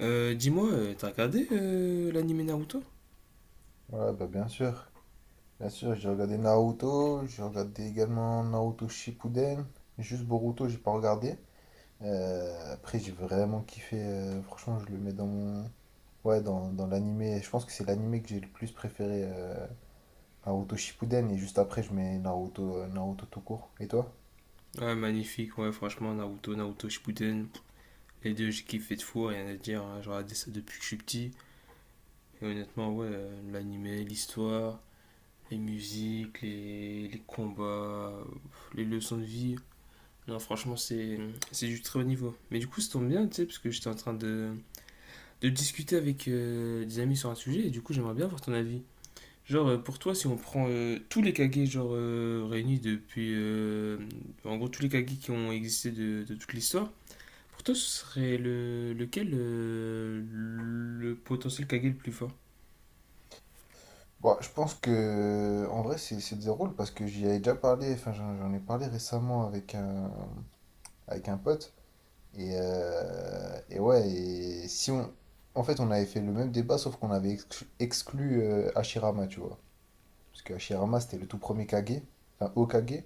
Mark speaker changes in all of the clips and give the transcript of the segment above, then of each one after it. Speaker 1: Dis-moi, t'as regardé l'anime Naruto?
Speaker 2: Ouais, bah bien sûr. Bien sûr, j'ai regardé Naruto, j'ai regardé également Naruto Shippuden. Juste Boruto, j'ai pas regardé. Après, j'ai vraiment kiffé. Franchement, je le mets dans mon... Ouais, dans l'animé. Je pense que c'est l'animé que j'ai le plus préféré. Naruto Shippuden. Et juste après, je mets Naruto, Naruto tout court. Et toi?
Speaker 1: Ouais, magnifique, ouais, franchement, Naruto, Naruto Shippuden, les deux, j'ai kiffé de fou, rien à dire, hein, j'ai regardé ça depuis que je suis petit, et honnêtement, ouais, l'anime, l'animé, l'histoire, les musiques, les combats, euh, les leçons de vie, non, franchement, c'est du très haut niveau. Mais du coup, ça tombe bien, tu sais, parce que j'étais en train de discuter avec des amis sur un sujet, et du coup, j'aimerais bien avoir ton avis. Genre, pour toi, si on prend tous les kage genre, réunis depuis. En gros, tous les kage qui ont existé de toute l'histoire, pour toi, ce serait lequel le potentiel kage le plus fort.
Speaker 2: Bon, je pense que... En vrai, c'est des rôles parce que j'y avais déjà parlé. Enfin, j'en ai parlé récemment avec un pote. Et ouais, et si on... En fait, on avait fait le même débat, sauf qu'on avait exclu Hashirama, tu vois. Parce que Hashirama, c'était le tout premier Kage, enfin Hokage.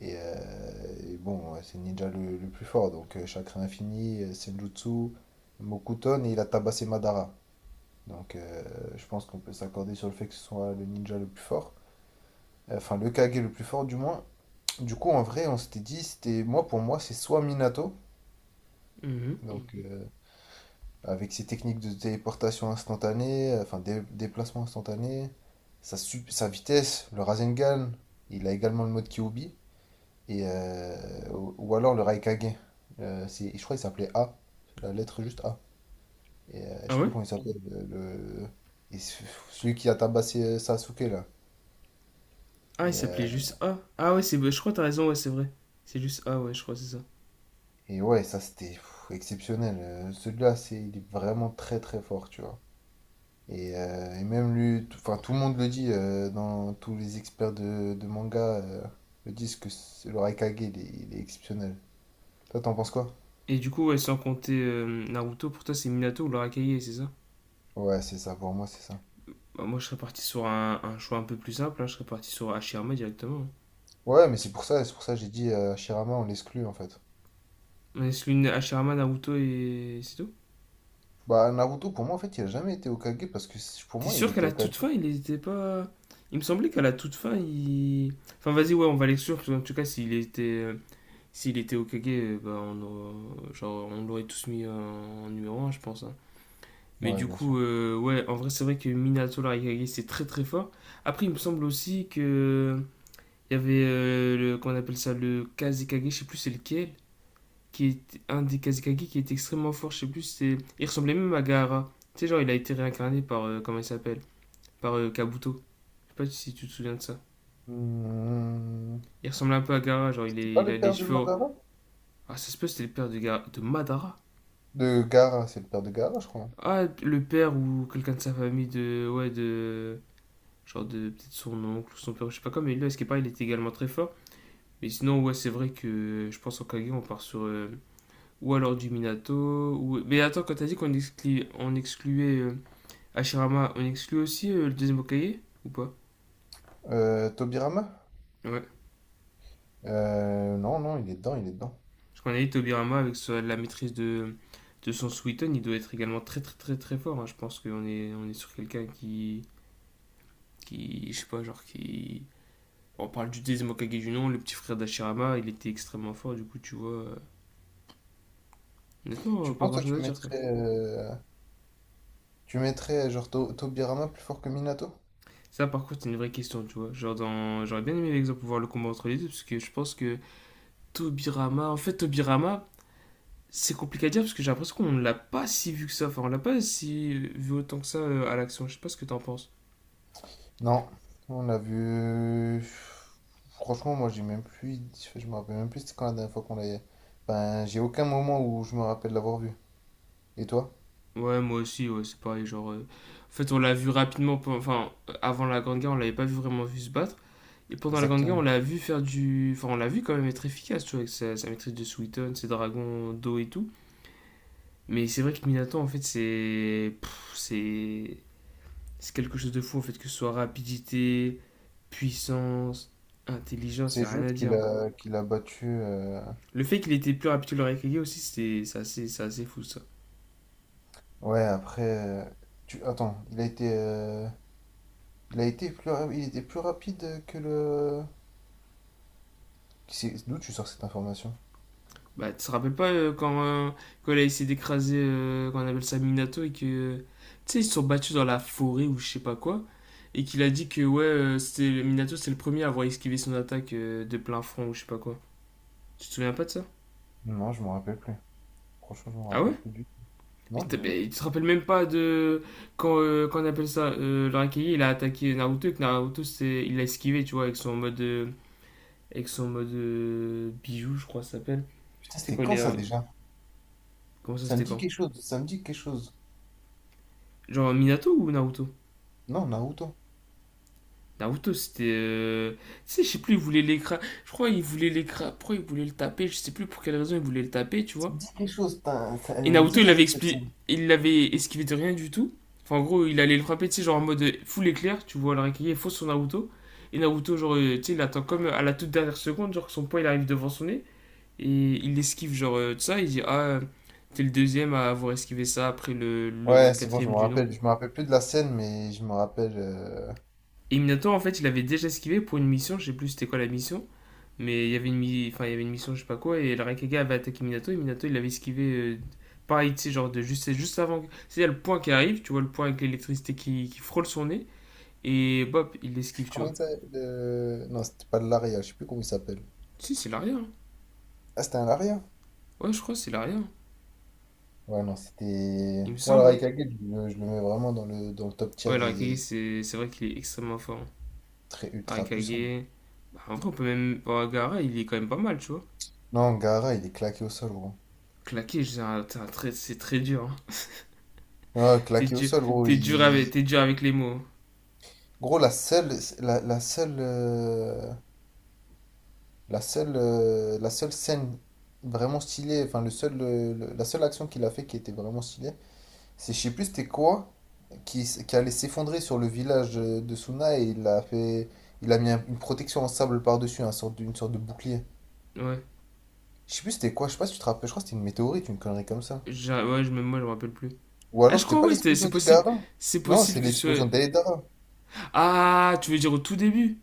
Speaker 2: Et bon, ouais, c'est le ninja le plus fort. Donc, Chakra Infini, Senjutsu, Mokuton, et il a tabassé Madara. Donc, je pense qu'on peut s'accorder sur le fait que ce soit le ninja le plus fort. Enfin, le Kage le plus fort, du moins. Du coup, en vrai, on s'était dit, c'était moi, pour moi, c'est soit Minato.
Speaker 1: Mhm.
Speaker 2: Donc, Mhm. Avec ses techniques de téléportation instantanée, enfin déplacement instantané, sa, sa vitesse, le Rasengan, il a également le mode Kyubi, et ou alors le Raikage. C'est, je crois qu'il s'appelait A, la lettre juste A. Et je
Speaker 1: Ah
Speaker 2: sais
Speaker 1: ouais.
Speaker 2: plus comment il s'appelle, le, et celui qui a tabassé Sasuke là.
Speaker 1: Ah, il
Speaker 2: Et, euh,
Speaker 1: s'appelait juste A. Ah ouais, c'est, je crois que t'as raison, ouais, c'est vrai. C'est juste A, ouais, je crois, c'est ça.
Speaker 2: et ouais, ça c'était pff, exceptionnel. Celui-là, c'est, il est vraiment très très fort, tu vois. Et même lui, enfin tout le monde le dit, dans tous les experts de manga le disent que le Raikage, il est exceptionnel. Toi, t'en penses quoi?
Speaker 1: Et du coup, ouais, sans compter Naruto, pour toi, c'est Minato ou l'Arakaye, c'est ça?
Speaker 2: Ouais, c'est ça, pour moi, c'est ça.
Speaker 1: Bah, moi, je serais parti sur un choix un peu plus simple, hein, je serais parti sur Hashirama directement, hein.
Speaker 2: Ouais, mais c'est pour ça que j'ai dit Shirama, on l'exclut en fait.
Speaker 1: On laisse l'une Hashirama, Naruto et c'est tout.
Speaker 2: Bah, Naruto, pour moi, en fait, il a jamais été Hokage parce que pour
Speaker 1: T'es
Speaker 2: moi, il
Speaker 1: sûr qu'à
Speaker 2: était
Speaker 1: la
Speaker 2: Hokage.
Speaker 1: toute fin, il n'était pas. Il me semblait qu'à la toute fin, il. Enfin, vas-y, ouais, on va l'exclure, sûr. En tout cas, s'il était au Kage, bah, on, aurait- genre, on l'aurait tous mis en numéro 1, je pense, hein. Mais
Speaker 2: Ouais,
Speaker 1: du
Speaker 2: bien sûr.
Speaker 1: coup, ouais, en vrai, c'est vrai que Minato Larikage, c'est très très fort. Après, il me semble aussi que. Il y avait, le, qu'on appelle ça, le Kazekage, je sais plus c'est lequel, qui est un des Kazekage qui est extrêmement fort, je sais plus, c'est. Il ressemblait même à Gaara. Tu sais, genre, il a été réincarné par. Comment il s'appelle. Par Kabuto. Je sais pas si tu te souviens de ça.
Speaker 2: Hmm.
Speaker 1: Il ressemble un peu à Gara, genre
Speaker 2: C'était
Speaker 1: est,
Speaker 2: pas
Speaker 1: il a
Speaker 2: le
Speaker 1: les
Speaker 2: père de
Speaker 1: cheveux.
Speaker 2: Madara?
Speaker 1: Ah, ça se peut, c'était le père de, Gara- de Madara.
Speaker 2: De Gaara, c'est le père de Gaara, je crois.
Speaker 1: Ah, le père ou quelqu'un de sa famille de. Ouais, de. Genre de. Peut-être son oncle ou son père, je sais pas quoi, mais là, ce qu'il est il était également très fort. Mais sinon, ouais, c'est vrai que je pense en Kage, on part sur. Ou alors du Minato. Ou... Mais attends, quand t'as dit qu'on exclu... on excluait Hashirama, on exclut aussi le deuxième Hokage? Ou pas?
Speaker 2: Tobirama?
Speaker 1: Ouais.
Speaker 2: Non, non, il est dedans, il est dedans.
Speaker 1: Je connais Tobirama avec sa- la maîtrise de son Sweeton, il doit être également très très très très fort, hein. Je pense qu'on on est sur quelqu'un qui, je sais pas, genre qui... On parle du deuxième Hokage du nom, le petit frère d'Ashirama, il était extrêmement fort, du coup tu vois... honnêtement,
Speaker 2: Tu
Speaker 1: pas
Speaker 2: penses,
Speaker 1: grand
Speaker 2: toi,
Speaker 1: chose à
Speaker 2: tu
Speaker 1: dire quoi.
Speaker 2: mettrais tu mettrais genre Tobirama plus fort que Minato?
Speaker 1: Ça par contre c'est une vraie question, tu vois. Genre dans... J'aurais bien aimé l'exemple pour voir le combat entre les deux, parce que je pense que Tobirama... En fait Tobirama, c'est compliqué à dire, parce que j'ai l'impression qu'on l'a pas si vu que ça, enfin on l'a pas si vu autant que ça à l'action. Je sais pas ce que t'en penses.
Speaker 2: Non, on l'a vu. Franchement, moi j'ai même plus. Je me rappelle même plus c'était quand la dernière fois qu'on l'a. Ben, j'ai aucun moment où je me rappelle l'avoir vu. Et toi?
Speaker 1: Ouais, moi aussi, ouais, c'est pareil. Genre, en fait, on l'a vu rapidement. Pe- Enfin, avant la Grande Guerre, on l'avait pas vu vraiment vu se battre. Et pendant la Grande Guerre, on
Speaker 2: Exactement.
Speaker 1: l'a vu faire du. Enfin, on l'a vu quand même être efficace, tu vois, avec sa maîtrise de Suiton, ses dragons d'eau et tout. Mais c'est vrai que Minato, en fait, c'est. Pff, c'est. C'est quelque chose de fou, en fait, que ce soit rapidité, puissance, intelligence, y
Speaker 2: C'est
Speaker 1: a rien à
Speaker 2: juste qu'il
Speaker 1: dire.
Speaker 2: a qu'il a battu.
Speaker 1: Le fait qu'il était plus rapide que le Raikage aussi, c'est assez, c'est assez fou, ça.
Speaker 2: Ouais, après. Tu... Attends, il a été. Il a été plus il était plus rapide que le. D'où tu sors cette information?
Speaker 1: Bah, tu te rappelles pas quand, quand il a essayé d'écraser, qu'on appelle ça Minato, et que. Tu sais, ils se sont battus dans la forêt ou je sais pas quoi, et qu'il a dit que, ouais, c'était, Minato, c'est le premier à avoir esquivé son attaque de plein front ou je sais pas quoi. Tu te souviens pas de ça?
Speaker 2: Non, je me rappelle plus. Franchement, je me
Speaker 1: Ah ouais?
Speaker 2: rappelle plus du tout.
Speaker 1: Mais,
Speaker 2: Non,
Speaker 1: t'as-
Speaker 2: du tout.
Speaker 1: mais tu te rappelles même pas de. Quand, qu'on appelle ça, le Raikage, il a attaqué Naruto, et que Naruto, c'est, il l'a esquivé, tu vois, avec son mode. Avec son mode. Bijou, je crois, que ça s'appelle.
Speaker 2: Putain,
Speaker 1: Tu sais,
Speaker 2: c'était
Speaker 1: quand il
Speaker 2: quand
Speaker 1: est.
Speaker 2: ça déjà?
Speaker 1: Comment ça,
Speaker 2: Ça me
Speaker 1: c'était
Speaker 2: dit
Speaker 1: quand?
Speaker 2: quelque chose, ça me dit quelque chose.
Speaker 1: Genre Minato ou Naruto?
Speaker 2: Non, Naruto.
Speaker 1: Naruto, c'était. Tu sais, je sais plus, il voulait l'écra... Je crois il voulait l'écra... Pourquoi il voulait le taper? Je sais plus pour quelle raison il voulait le taper, tu
Speaker 2: Ça
Speaker 1: vois.
Speaker 2: me dit quelque chose, putain, ça elle
Speaker 1: Et
Speaker 2: me
Speaker 1: Naruto,
Speaker 2: dit
Speaker 1: il
Speaker 2: quelque
Speaker 1: l'avait
Speaker 2: chose cette
Speaker 1: expliqué...
Speaker 2: scène.
Speaker 1: il l'avait esquivé de rien du tout. Enfin, en gros, il allait le frapper, tu sais, genre en mode full éclair, tu vois, le Raikage est faux sur Naruto. Et Naruto, genre, tu sais, il attend comme à la toute dernière seconde, genre que son poing il arrive devant son nez. Et il l'esquive, genre, de ça. Il dit, ah, t'es le deuxième à avoir esquivé ça après le
Speaker 2: Ouais, c'est bon, je
Speaker 1: quatrième
Speaker 2: me
Speaker 1: du nom.
Speaker 2: rappelle. Je me rappelle plus de la scène, mais je me rappelle.
Speaker 1: Et Minato, en fait, il avait déjà esquivé pour une mission, je sais plus c'était quoi la mission. Mais il y avait une, mi- enfin, il y avait une mission, je sais pas quoi, et le Raikage avait attaqué Minato, et Minato, il avait esquivé. Pareil, tu sais, genre, de juste, c'est juste avant. C'est y a le point qui arrive, tu vois, le point avec l'électricité qui frôle son nez, et bop, il l'esquive, tu
Speaker 2: Comment
Speaker 1: vois.
Speaker 2: il s'appelle non, c'était pas de l'aria, je sais plus comment il s'appelle.
Speaker 1: Si, c'est l'arrière, hein.
Speaker 2: Ah, c'était un l'aria?
Speaker 1: Ouais, je crois, que c'est l'arrière.
Speaker 2: Ouais, non, c'était.
Speaker 1: Il me
Speaker 2: Moi, le
Speaker 1: semble, hein.
Speaker 2: Raikage, je le mets vraiment dans le top
Speaker 1: Ouais,
Speaker 2: tier
Speaker 1: le Raikage,
Speaker 2: des
Speaker 1: c'est vrai qu'il est extrêmement fort, hein.
Speaker 2: très
Speaker 1: Le
Speaker 2: ultra puissants.
Speaker 1: Raikage. Bah, en vrai, on peut même. Bah, Gaara, il est quand même pas mal, tu vois.
Speaker 2: Non, Gaara, il est claqué au sol, gros.
Speaker 1: Claquer, c'est un très- c'est très dur, hein.
Speaker 2: Ah,
Speaker 1: T'es
Speaker 2: claqué au
Speaker 1: dur,
Speaker 2: sol, gros. Il...
Speaker 1: t'es dur avec les mots, hein.
Speaker 2: Gros, la seule, la seule, la seule, la seule scène vraiment stylée, enfin le seul, la seule action qu'il a fait qui était vraiment stylée, c'est je sais plus c'était quoi qui, qui allait s'effondrer sur le village de Suna et il a fait, il a mis une protection en sable par-dessus, une sorte de bouclier.
Speaker 1: Ouais.
Speaker 2: Je sais plus c'était quoi, je sais pas si tu te rappelles, je crois que c'était une météorite, une connerie comme ça.
Speaker 1: J'ai- ouais, je, même moi, je me rappelle plus.
Speaker 2: Ou
Speaker 1: Ah,
Speaker 2: alors
Speaker 1: je
Speaker 2: c'était
Speaker 1: crois,
Speaker 2: pas
Speaker 1: ouais, c'était- c'est
Speaker 2: l'explosion de
Speaker 1: possible.
Speaker 2: Gaara?
Speaker 1: C'est
Speaker 2: Non,
Speaker 1: possible
Speaker 2: c'est
Speaker 1: que ce.
Speaker 2: l'explosion d'Aedara.
Speaker 1: Ah, tu veux dire au tout début?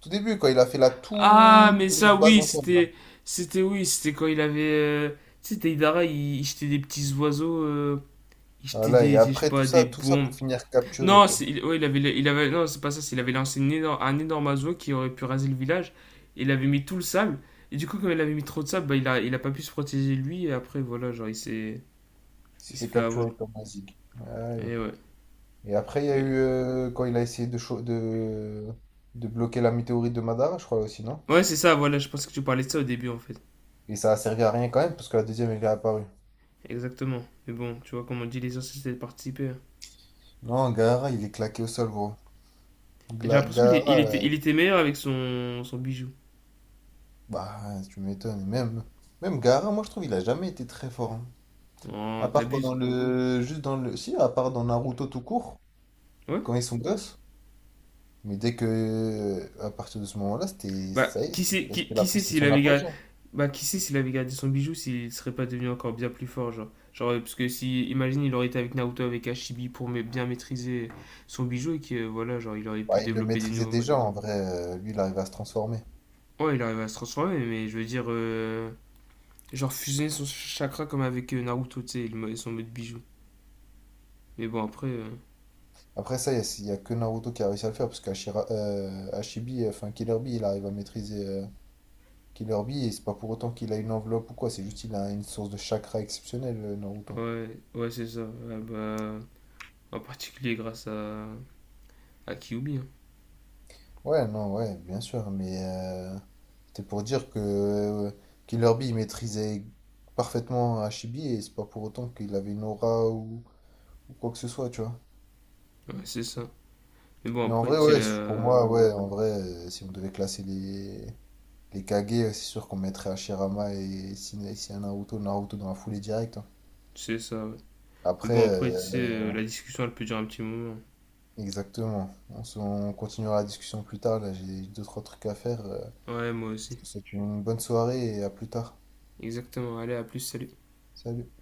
Speaker 2: Tout début quand il a fait la
Speaker 1: Ah,
Speaker 2: toute
Speaker 1: mais
Speaker 2: grosse
Speaker 1: ça,
Speaker 2: base
Speaker 1: oui,
Speaker 2: en sable là.
Speaker 1: c'était. C'était, oui, c'était quand il avait. Tu sais, Deidara, il jetait des petits oiseaux. Il jetait
Speaker 2: Voilà et
Speaker 1: des- je sais
Speaker 2: après
Speaker 1: pas, des
Speaker 2: tout ça
Speaker 1: bombes.
Speaker 2: pour finir capturé
Speaker 1: Non,
Speaker 2: quoi.
Speaker 1: c'est, il, ouais, il avait, il avait. Non, c'est pas ça, c'est il avait lancé une énorme- un énorme oiseau qui aurait pu raser le village. Il avait mis tout le sable. Et du coup, comme il avait mis trop de sable, bah, il a pas pu se protéger lui. Et après, voilà, genre, il s'est.
Speaker 2: Il
Speaker 1: Il
Speaker 2: s'est
Speaker 1: s'est
Speaker 2: fait
Speaker 1: fait avoir.
Speaker 2: capturer comme Mazig. Ouais.
Speaker 1: Et ouais.
Speaker 2: Et après, il y a eu
Speaker 1: Et-
Speaker 2: quand il a essayé de, de bloquer la météorite de Madara, je crois aussi, non?
Speaker 1: ouais, c'est ça, voilà, je pense que tu parlais de ça au début, en fait.
Speaker 2: Et ça a servi à rien quand même, parce que la deuxième, elle est apparue.
Speaker 1: Exactement. Mais bon, tu vois, comme on dit, l'essentiel c'est de participer, hein.
Speaker 2: Non, Gaara, il est claqué au sol, gros.
Speaker 1: Et j'ai l'impression qu'il est-
Speaker 2: Gaara, euh,
Speaker 1: il était meilleur avec son, son bijou.
Speaker 2: bah, tu m'étonnes. Même, même Gaara, moi, je trouve, il a jamais été très fort, hein.
Speaker 1: Oh,
Speaker 2: À part
Speaker 1: t'abuses.
Speaker 2: pendant le. Juste dans le. Si, à part dans Naruto tout court,
Speaker 1: Ouais.
Speaker 2: quand ils sont gosses. Mais dès que. À partir de ce moment-là, c'était.
Speaker 1: Bah,
Speaker 2: Ça y est, c'était
Speaker 1: qui sait
Speaker 2: c'était
Speaker 1: s'il
Speaker 2: son
Speaker 1: avait gardé,
Speaker 2: apogée.
Speaker 1: bah, qui sait s'il avait gardé son bijou, s'il serait pas devenu encore bien plus fort, genre. Genre, parce que si, imagine, il aurait été avec Naruto, avec Hashibi pour ma- bien maîtriser son bijou et que, voilà, genre, il aurait
Speaker 2: Bah,
Speaker 1: pu
Speaker 2: il le
Speaker 1: développer des
Speaker 2: maîtrisait
Speaker 1: nouveaux modes.
Speaker 2: déjà en vrai, lui il arrive à se transformer.
Speaker 1: Ouais, il arrive à se transformer, mais je veux dire, genre, fusionner son chakra comme avec Naruto, tu sais, et le mo- et son mode bijou. Mais bon, après.
Speaker 2: Après ça, il n'y a, y a que Naruto qui a réussi à le faire parce qu'Ashira, Ashibi, enfin Killer Bee, il arrive à maîtriser Killer Bee et c'est pas pour autant qu'il a une enveloppe ou quoi, c'est juste qu'il a une source de chakra exceptionnelle, Naruto.
Speaker 1: Ouais, ouais, c'est ça. Ah bah, en particulier grâce à Kyuubi, hein.
Speaker 2: Ouais, non, ouais, bien sûr, mais c'était pour dire que Killer Bee il maîtrisait parfaitement Ashibi et c'est pas pour autant qu'il avait une aura ou quoi que ce soit, tu vois.
Speaker 1: Ouais, c'est ça. Mais bon,
Speaker 2: Mais en
Speaker 1: après, tu
Speaker 2: vrai,
Speaker 1: sais,
Speaker 2: ouais, pour
Speaker 1: la...
Speaker 2: moi, ouais, en vrai, si on devait classer les Kage, c'est sûr qu'on mettrait Hashirama et un Naruto, Naruto dans la foulée directe, hein.
Speaker 1: c'est ça, ouais. Mais
Speaker 2: Après,
Speaker 1: bon, après, tu sais, la discussion, elle peut durer un petit moment.
Speaker 2: exactement. On, on continuera la discussion plus tard. Là, j'ai deux, trois trucs à faire.
Speaker 1: Ouais, moi aussi.
Speaker 2: Je te souhaite une bonne soirée et à plus tard.
Speaker 1: Exactement. Allez, à plus, salut.
Speaker 2: Salut.